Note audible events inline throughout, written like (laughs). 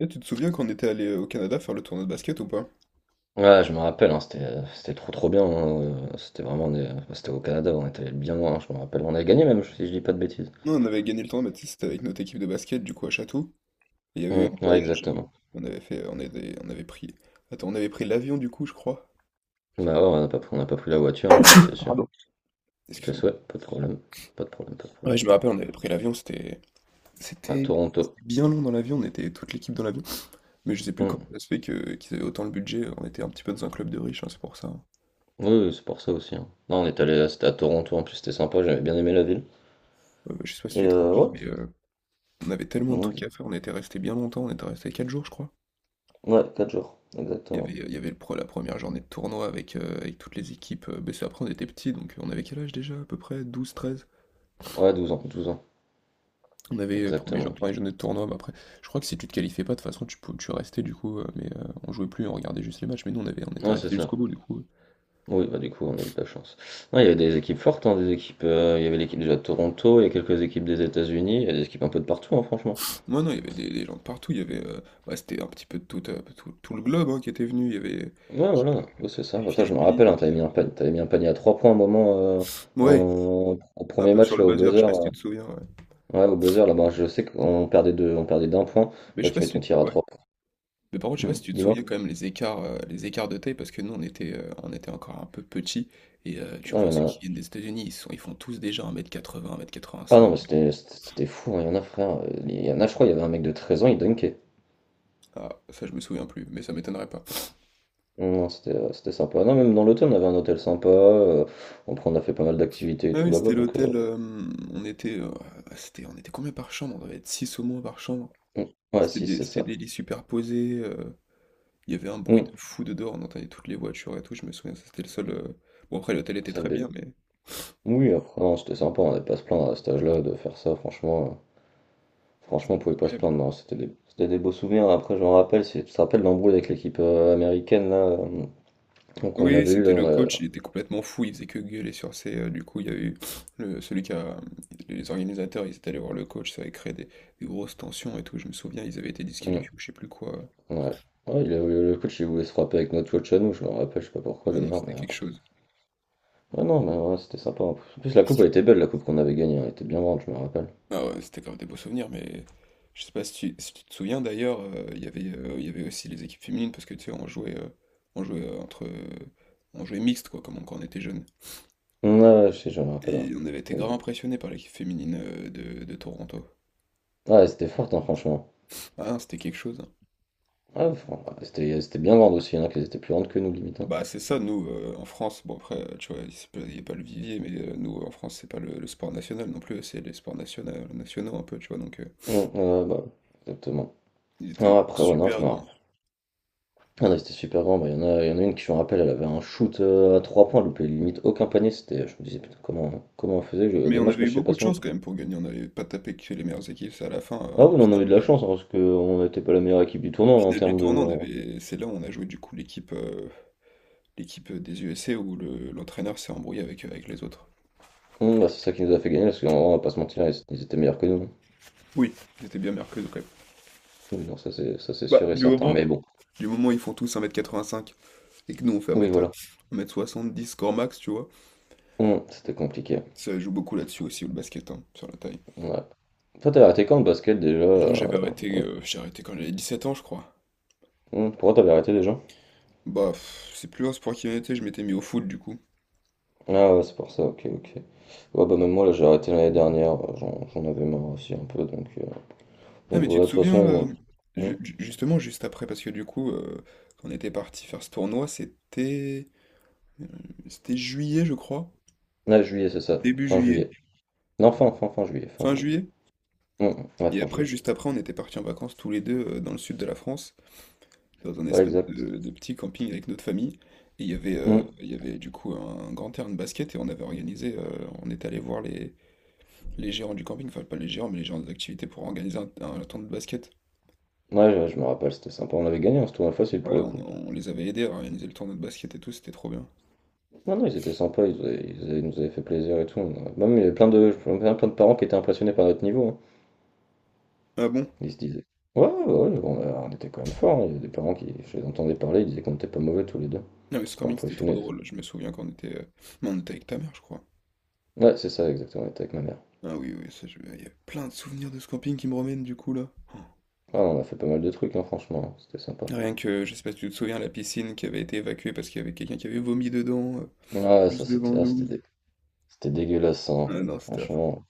Eh, tu te souviens quand on était allé au Canada faire le tournoi de basket ou pas? Ouais, je me rappelle, hein, c'était c'était trop bien. Hein, c'était vraiment enfin, c'était au Canada, on était allé bien loin, hein, je me rappelle. On a gagné, même, si je dis pas de bêtises. Non, on avait gagné le tournoi, mais tu sais, c'était avec notre équipe de basket, du coup, à Château. Et il y avait eu Mm, un ouais, voyage, exactement. on avait fait, on avait pris, attends, on avait pris l'avion, du coup, je crois. Je sais Bah plus. ouais, on n'a pas, pris- on n'a pas pris la voiture, hein, ça c'est sûr. Pardon, Tes excuse-moi. souhaits, pas de problème. Pas de problème, pas de Ouais, problème. je me rappelle, on avait pris l'avion, À c'était, Toronto. c'était bien long dans l'avion, on était toute l'équipe dans l'avion. Mais je sais plus Mm. comment ça se fait qu'ils avaient autant le budget, on était un petit peu dans un club de riches, hein, c'est pour ça, hein. Oui, oui, c'est pour ça aussi, hein. Non, on est allé, c'était à Toronto en plus, c'était sympa, j'avais bien aimé la ville. Je sais pas si tu Et te rappelles, ouais, mais on avait tellement de on trucs dit- à faire, on était resté bien longtemps, on était resté 4 jours, je crois. ouais, 4 jours, exactement. Il y avait la première journée de tournoi avec toutes les équipes. Bah, c'est après, on était petits, donc on avait quel âge déjà? À peu près 12 treize. Ouais, 12 ans, 12 ans, On avait exactement. première journée de tournoi, mais après, je crois que si tu te qualifiais pas, de toute façon, tu restais du coup, mais on jouait plus, on regardait juste les matchs, mais nous, on était Ouais, c'est restés ça. jusqu'au bout du coup. Oui, bah du coup, on a eu de la chance. Non, il y avait des équipes fortes, hein, des équipes, il y avait l'équipe déjà de Toronto, il y a quelques équipes des États-Unis, il y a des équipes un peu de partout, hein, franchement. Moi, non, il y avait des gens de partout, il y avait, bah, c'était un petit peu de tout, tout, tout le globe, hein, qui était venu, il y avait Ouais, équipe, voilà, ouais, c'est ça. des Attends, je me rappelle, hein, Philippines. t'avais mis un panier, t'avais mis un panier à 3 points à un moment, Ouais, au un premier peu sur match, le là, au buzzer, je sais buzzer. pas si tu te souviens, ouais. Ouais, au buzzer, là-bas, je sais qu'on on perdait d'un point. Mais je Là, sais tu pas mets ton si. tir à Ouais. trois points. Mais par contre, je sais pas Hmm, si tu te dis-moi. souviens quand même les écarts, les écarts de taille, parce que nous, on était encore un peu petits. Et tu Non, il vois, y en ceux qui a. viennent des États-Unis, ils sont, ils font tous déjà 1 un mètre Ah non, mais quatre-vingt-cinq. C'était fou, hein, il y en a, frère. Il y en a, je crois, il y avait un mec de 13 ans, il dunkait. Ah, ça, je me souviens plus, mais ça m'étonnerait pas. Non, c'était, ouais, c'était sympa. Non, même dans l'hôtel, on avait un hôtel sympa. Après, on a fait pas mal d'activités et Ah tout oui, là-bas. c'était Donc, l'hôtel. On était, on était combien par chambre? On devait être 6 au moins par chambre. mm, ouais, si, c'est C'était ça. des lits superposés. Il y avait un bruit de Mm. fou de dehors. On entendait toutes les voitures et tout. Je me souviens, ça, c'était le seul. Bon, après, l'hôtel était Ça très bé- bien, mais. Oui, après, non, c'était sympa. On n'avait pas à se plaindre à cet âge-là de faire ça. Franchement, franchement, on pouvait pas se Incroyable. plaindre. Non, c'était des, c'était des beaux souvenirs. Après, je me rappelle, tu te rappelles l'embrouille avec l'équipe américaine là. Donc, on Oui, avait eu là. c'était le On a coach, il était complètement fou, il faisait que gueuler sur ses... Du coup, il y a eu celui qui a... Les organisateurs, ils étaient allés voir le coach, ça avait créé des grosses tensions et tout, je me souviens, ils avaient été mm, disqualifiés ou je sais plus quoi. ouais. Le coach, il voulait se frapper avec notre coach à nous. Je me rappelle, je sais pas pourquoi Ah non, d'ailleurs. c'était Mais quelque chose. ouais, non, mais ouais, c'était sympa. En plus, en plus, la coupe, elle était belle, la coupe qu'on avait gagnée. Elle était bien grande, je me rappelle. Ah ouais, c'était grave des beaux souvenirs, mais je sais pas si tu te souviens d'ailleurs, il y avait, il y avait aussi les équipes féminines, parce que tu sais, on jouait entre... On jouait mixte, quoi, comme quand on était jeune. Ouais, ouais, je sais, je me rappelle. Ouais, Et on avait été grave exact. impressionnés par l'équipe féminine de Toronto. Ouais, c'était forte, hein, franchement. Ah, c'était quelque chose, hein. Ouais, ouais, c'était bien grande aussi, il y en a qui étaient plus grandes que nous, limite, hein. Bah, c'est ça, nous, en France, bon après, tu vois, c'est pas- il n'y a pas le vivier, mais nous, en France, c'est pas le sport national non plus, c'est les sports nationaux, nationaux un peu, tu vois, donc Ouais, bah, exactement. ils Non, étaient après, ouais, non, je super me grands. rappelle. Ah, non, c'était super grand. Bah, il y en a, il y en a une qui, je me rappelle, elle avait un shoot à 3 points, elle loupait limite aucun panier. C'était, je me disais, putain, comment, comment on faisait? Mais on Dommage avait que eu je sais pas beaucoup de son jeu. chance quand même pour gagner, on n'avait pas tapé que les meilleures équipes, c'est à la fin, Ah en oui, on a finale, eu de la chance, hein, parce qu'on n'était pas la meilleure équipe du tournoi en finale du termes de. tournoi, on avait, c'est là où on a joué du coup l'équipe des USA où l'entraîneur s'est embrouillé avec les autres. Bah, c'est ça qui nous a fait gagner, parce qu'on on va pas se mentir, ils étaient meilleurs que nous, hein. Oui, ils étaient bien mercredi quand même. Oui, non, ça, c'est Bah, sûr et certain. Mais bon, du moment où ils font tous 1,85 m et que nous on fait oui, 1m, voilà. 1m70 score max, tu vois. C'était compliqué. Ça joue beaucoup là-dessus aussi, le basket, hein, sur la taille. Ouais. Toi, t'avais arrêté quand le basket déjà? Moi, Ouais. J'ai arrêté quand j'avais 17 ans, je crois. Pourquoi t'avais arrêté déjà? Bah, pff, c'est plus un sport qui m'était, je m'étais mis au foot, du coup. Ah ouais, c'est pour ça, ok, ok. Ouais, bah même moi, là, j'ai arrêté l'année dernière, j'en avais marre aussi un peu, Ah, donc mais tu te voilà, de toute souviens, façon. Hum. Justement, juste après, parce que du coup, quand on était parti faire ce tournoi, c'était... euh, c'était juillet, je crois. Ah, juillet, c'est ça, Début fin juillet. juillet. Non, fin juillet, fin Fin juillet. juillet. Ouais, Et fin après, juillet. juste après, on était parti en vacances tous les deux dans le sud de la France. Dans un Ouais, espèce exact. De petit camping avec notre famille. Et Hum. il y avait du coup un grand terrain de basket et on est allé voir les gérants du camping, enfin pas les gérants, mais les gérants des activités pour organiser un tournoi de basket. Ouais, je me rappelle, c'était sympa, on avait gagné, hein, ce tournoi facile Ouais, pour le coup. on les avait aidés à organiser le tournoi de basket et tout, c'était trop bien. Non, non, ils étaient sympas, ils nous avaient fait plaisir et tout. Même, il y avait plein de, plein de parents qui étaient impressionnés par notre niveau, hein. Ah bon? Ils se disaient. Ouais, on était quand même forts, hein. Il y avait des parents qui, je les entendais parler, ils disaient qu'on était pas mauvais tous les deux. Non, mais ce Pas camping c'était trop impressionnés. drôle, je me souviens mais on était avec ta mère, je crois. Ouais, c'est ça, exactement, on était avec ma mère. Ah oui, oui, ça, je... il y a plein de souvenirs de ce camping qui me remènent du coup là. Oh. Ah, on a fait pas mal de trucs, hein, franchement, hein, c'était sympa. Rien que, je sais pas si tu te souviens, la piscine qui avait été évacuée parce qu'il y avait quelqu'un qui avait vomi dedans, Ah, ça, juste devant c'était ah, c'était nous. dé- c'était dégueulasse, hein. Ah non, c'était affreux. Franchement.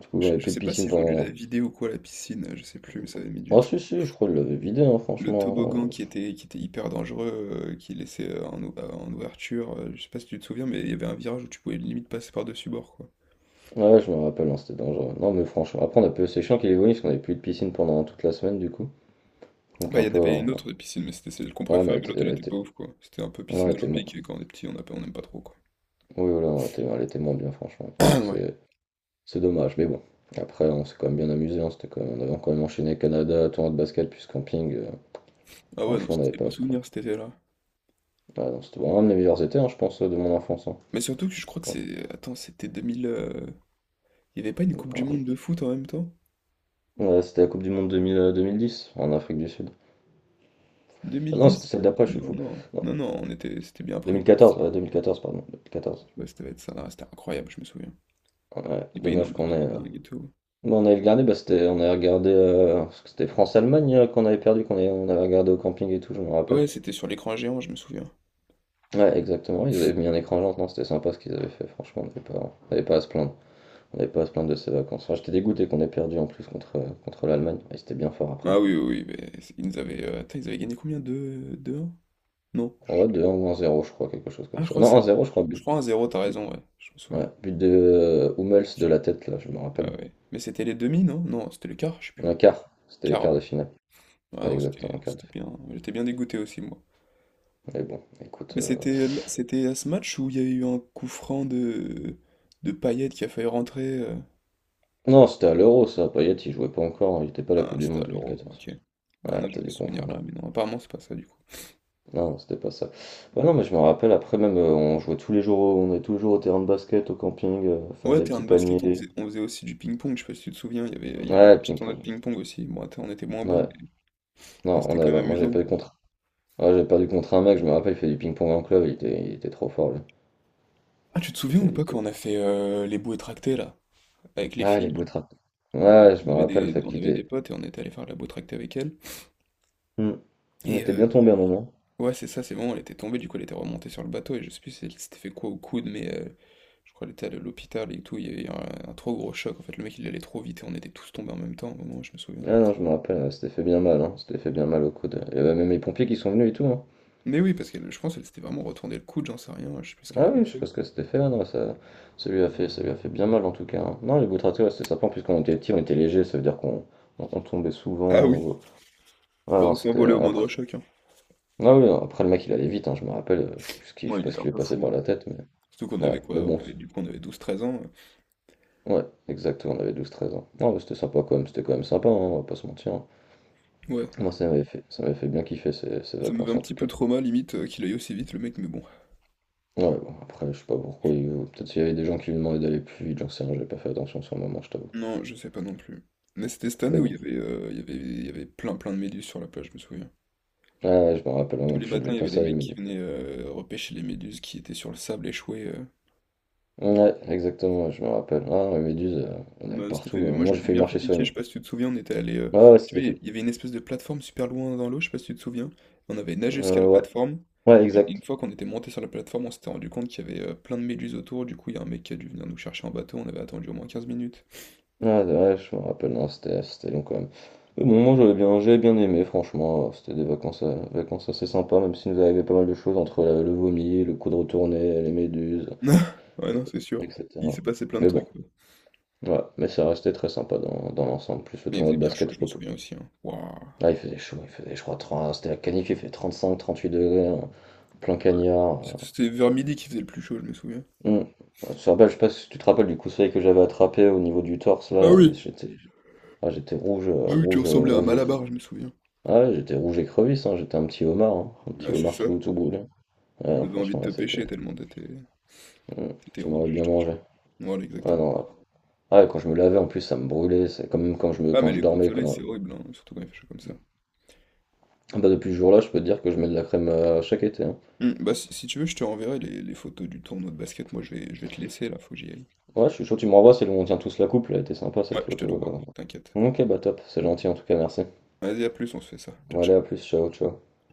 Du coup, on Je, avait je plus de sais pas piscine s'ils ont dû la pendant. vider ou quoi, la piscine, je sais plus, mais ça avait mis du Ah, temps. si, si, je crois qu'il l'avait vidé, hein, Le toboggan franchement. Qui était hyper dangereux, qui laissait en ouverture, je sais pas si tu te souviens, mais il y avait un virage où tu pouvais limite passer par-dessus bord, quoi. Ouais, je me rappelle, hein, c'était dangereux. Non, mais franchement, après, on a peu, c'est chiant qu'il est venu, parce qu'on avait plus de piscine pendant toute la semaine, du coup. Donc, Bah, un il y en peu, avait hein. une autre piscine, mais c'était celle qu'on Ouais, mais préfère, elle mais était. l'autre, elle Elle était pas était, ouf, quoi. C'était un peu non, piscine olympique, et quand on est petit, on aime pas trop, quoi. oui, voilà, elle était moins bien, (coughs) franchement. Donc, (clears throat) Ouais. c'est. C'est dommage, mais bon. Après, on s'est quand même bien amusé, hein, on avait quand même enchaîné Canada, tournoi de basket, puis camping. Ah ouais, non, Franchement, on n'avait c'était des pas à beaux se plaindre. souvenirs, cet été-là. Ah non, c'était vraiment un de mes meilleurs étés, hein, je pense, de mon enfance, hein. Mais surtout que je crois que Ouais. c'est... Attends, c'était 2000... Il y avait pas une Coupe du Ouais, Monde de foot en même temps? ouais, c'était la Coupe du Monde 2010 en Afrique du Sud. Ah non, 2010? c'était celle d'après, je suis Non, fou. non, Non, non, non, on était... C'était bien après. 2014, ouais, 2014, pardon, 2014. Ouais, ça va être ça, là, c'était incroyable, je me souviens. Ouais, Il y avait une dommage qu'on ait. ambiance de dingue et tout. Bon, on avait regardé, on avait regardé, parce que c'était France-Allemagne qu'on avait perdu, on avait regardé au camping et tout, je me rappelle. Ouais, c'était sur l'écran géant, je me souviens. Ouais, exactement. Ils avaient mis un écran géant, non, c'était sympa ce qu'ils avaient fait. Franchement, on n'avait pas à se plaindre. On n'avait pas à se plaindre de ces vacances. Enfin, j'étais dégoûté qu'on ait perdu en plus contre, contre l'Allemagne. Et c'était bien fort après. Ah oui, oui, oui, mais ils nous avaient, attends, ils avaient gagné combien? Deux deux 1. Non, je sais Ouais, plus. 2-1 ou 1-0 je crois, quelque chose Ah, comme je ça. crois Non, un zéro je crois, je crois but. un zéro, t'as But, raison, ouais, je me ouais, souviens. but de Hummels de la tête, là, je me Ah rappelle. ouais. Mais c'était les demi, non? Non, c'était le quart, je sais Un plus. quart, c'était les Quart, quarts ouais. de finale. Ah Ouais, non, exactement, un quart de c'était finale. bien, j'étais bien dégoûté aussi, moi. Mais bon, écoute. Mais c'était à ce match où il y a eu un coup franc de Payet qui a failli rentrer. Non, c'était à l'Euro, ça. Payet, il jouait pas encore. Il était pas à la Ah, Coupe du c'était Monde à l'Euro, 2014. ok. Non, Ouais, non, t'as j'avais dû ce souvenir là, confondre. mais non, apparemment c'est pas ça du coup. Non, non, c'était pas ça. Ouais, non, mais je me rappelle, après même, on jouait tous les jours, on est tous les jours au terrain de basket, au camping, faire Ouais, des terrain petits de paniers. basket, on faisait aussi du ping-pong, je sais pas si tu te souviens, il y avait Ouais, une le petite tournoi de ping-pong. ping-pong aussi. Bon, attends, on était moins bons, Ouais. Mais Non, c'était on avait, quand même moi j'avais amusant, quoi. perdu contre. Ouais, j'avais perdu contre un mec, je me rappelle, il fait du ping-pong en club, il était trop fort, lui. Ah, tu te Je sais souviens pas, ou pas quand on a fait les bouées tractées, là, avec les ah, les beaux filles? trappes. Ouais, je me rappelle, ça On avait quittait. des potes et on était allé faire la bouée tractée avec elles. Hmm. On Et était bien tombé à un moment. ouais, c'est ça, c'est bon, elle était tombée, du coup, elle était remontée sur le bateau et je sais plus si elle s'était fait quoi au coude, mais je crois qu'elle était allée à l'hôpital et tout, il y avait eu un trop gros choc. En fait, le mec, il allait trop vite et on était tous tombés en même temps, au moment où je me souviens. Ah non, je me rappelle, on s'était fait bien mal, hein. On fait bien mal au coude. Il y avait même les pompiers qui sont venus et tout, hein. Mais oui, parce que je pense qu'elle s'était vraiment retournée le coude, j'en sais rien, je sais plus ce qu'elle Ah avait oui, je sais fait. pas ce que c'était fait non, ça, ça lui a fait bien mal en tout cas, hein. Non, les boutratés, ouais, c'était sympa, en plus quand on était petit, on était léger, ça veut dire qu'on on tombait Ah souvent. oui. Ouais, non, Bon, c'était s'envoler au après. moindre choc, hein. Ah oui, non, après le mec il allait vite, hein, je me rappelle, je Moi, sais il pas ce était qui un lui est peu passé fou, par hein. la tête, mais Surtout qu'on ouais, avait mais quoi? Bon, On avait 12, 13 ans. ouais, exactement, on avait 12 13 ans. Non, mais c'était sympa quand même, c'était quand même sympa, hein, on va pas se mentir, hein. Ouais. Moi ça m'avait fait bien kiffer ces, ces Ça me fait vacances un en petit tout cas. peu trauma limite qu'il aille aussi vite le mec, mais bon. Ouais, bon, après, je sais pas pourquoi, peut-être s'il y avait des gens qui lui demandaient d'aller plus vite, j'en sais rien, j'avais pas fait attention sur le moment, je t'avoue. Non, je sais pas non plus. Mais c'était cette année Mais où bon. Il y avait plein plein de méduses sur la plage, je me souviens. Ah ouais, je me rappelle, moi Tous non les plus, j'aimais matins, il y pas avait les ça les mecs qui méduses. venaient repêcher les méduses qui étaient sur le sable échouées. Ouais, exactement, je me rappelle. Ah, les méduses, on avait Bah, partout. À un moi moment, je j'ai m'étais failli bien fait marcher sur piquer, je une. sais pas si tu te souviens, on était allé. Ah ouais, Tu c'était vois, fait. il y avait une espèce de plateforme super loin dans l'eau, je sais pas si tu te souviens. On avait nagé jusqu'à la Ouais, plateforme. ouais, Et une exact. fois qu'on était monté sur la plateforme, on s'était rendu compte qu'il y avait plein de méduses autour. Du coup, il y a un mec qui a dû venir nous chercher en bateau, on avait attendu au moins 15 minutes. Ah, ouais, je me rappelle, non, c'était long quand même. Mais bon, moi, j'avais bien aimé, franchement. C'était des vacances, vacances assez sympas, même si nous arrivait pas mal de choses entre le vomi, le coup de retourner, les méduses, (laughs) Ouais, non, c'est sûr. Il etc. s'est passé plein de Mais bon, trucs, ouais. ouais, mais ça restait très sympa dans, dans l'ensemble. Plus le Mais il tournoi faisait de bien chaud, basket au je me propos. souviens aussi, hein. Waouh. Ah, il faisait chaud, il faisait, je crois, trente, c'était la canif, il fait 38 degrés, hein. Plein Ouais. cagnard. C'était vers midi qu'il faisait le plus chaud, je me souviens. Hum. Je te rappelle, je sais pas si tu te rappelles du coup de soleil que j'avais attrapé au niveau du torse Ah là, et oui, j'étais ah, j'étais rouge, ah oui, tu rouge, ressemblais à un malabar, je me souviens. ah, ouais, j'étais rouge écrevisse, hein, j'étais un petit homard, hein, un petit Ah, c'est homard ça. tout, tout brûlé. Ouais, On non, avait envie de franchement, te là c'était. pêcher tellement t'étais. Hum, C'était tu m'aurais rouge, bien je te mangé. jure. Voilà, Ah exactement. non, là. Ah, et quand je me lavais en plus, ça me brûlait, c'est quand même quand je me Ah, mais quand je les coups de dormais. soleil, Quand... c'est horrible, hein, surtout quand il fait chaud comme ça. Ah, bah, depuis ce jour-là, je peux te dire que je mets de la crème chaque été, hein. Hmm, bah, si tu veux, je te renverrai les photos du tournoi de basket. Moi, je vais te laisser là, faut que j'y aille. Ouais, je suis chaud, tu me renvoies, c'est où on tient tous la coupe, elle était sympa cette Ouais, je te photo. l'envoie, t'inquiète. Ok, bah top, c'est gentil en tout cas, merci. Vas-y, à plus, on se fait ça. Ciao, Bon, allez, ciao. à plus, ciao, ciao.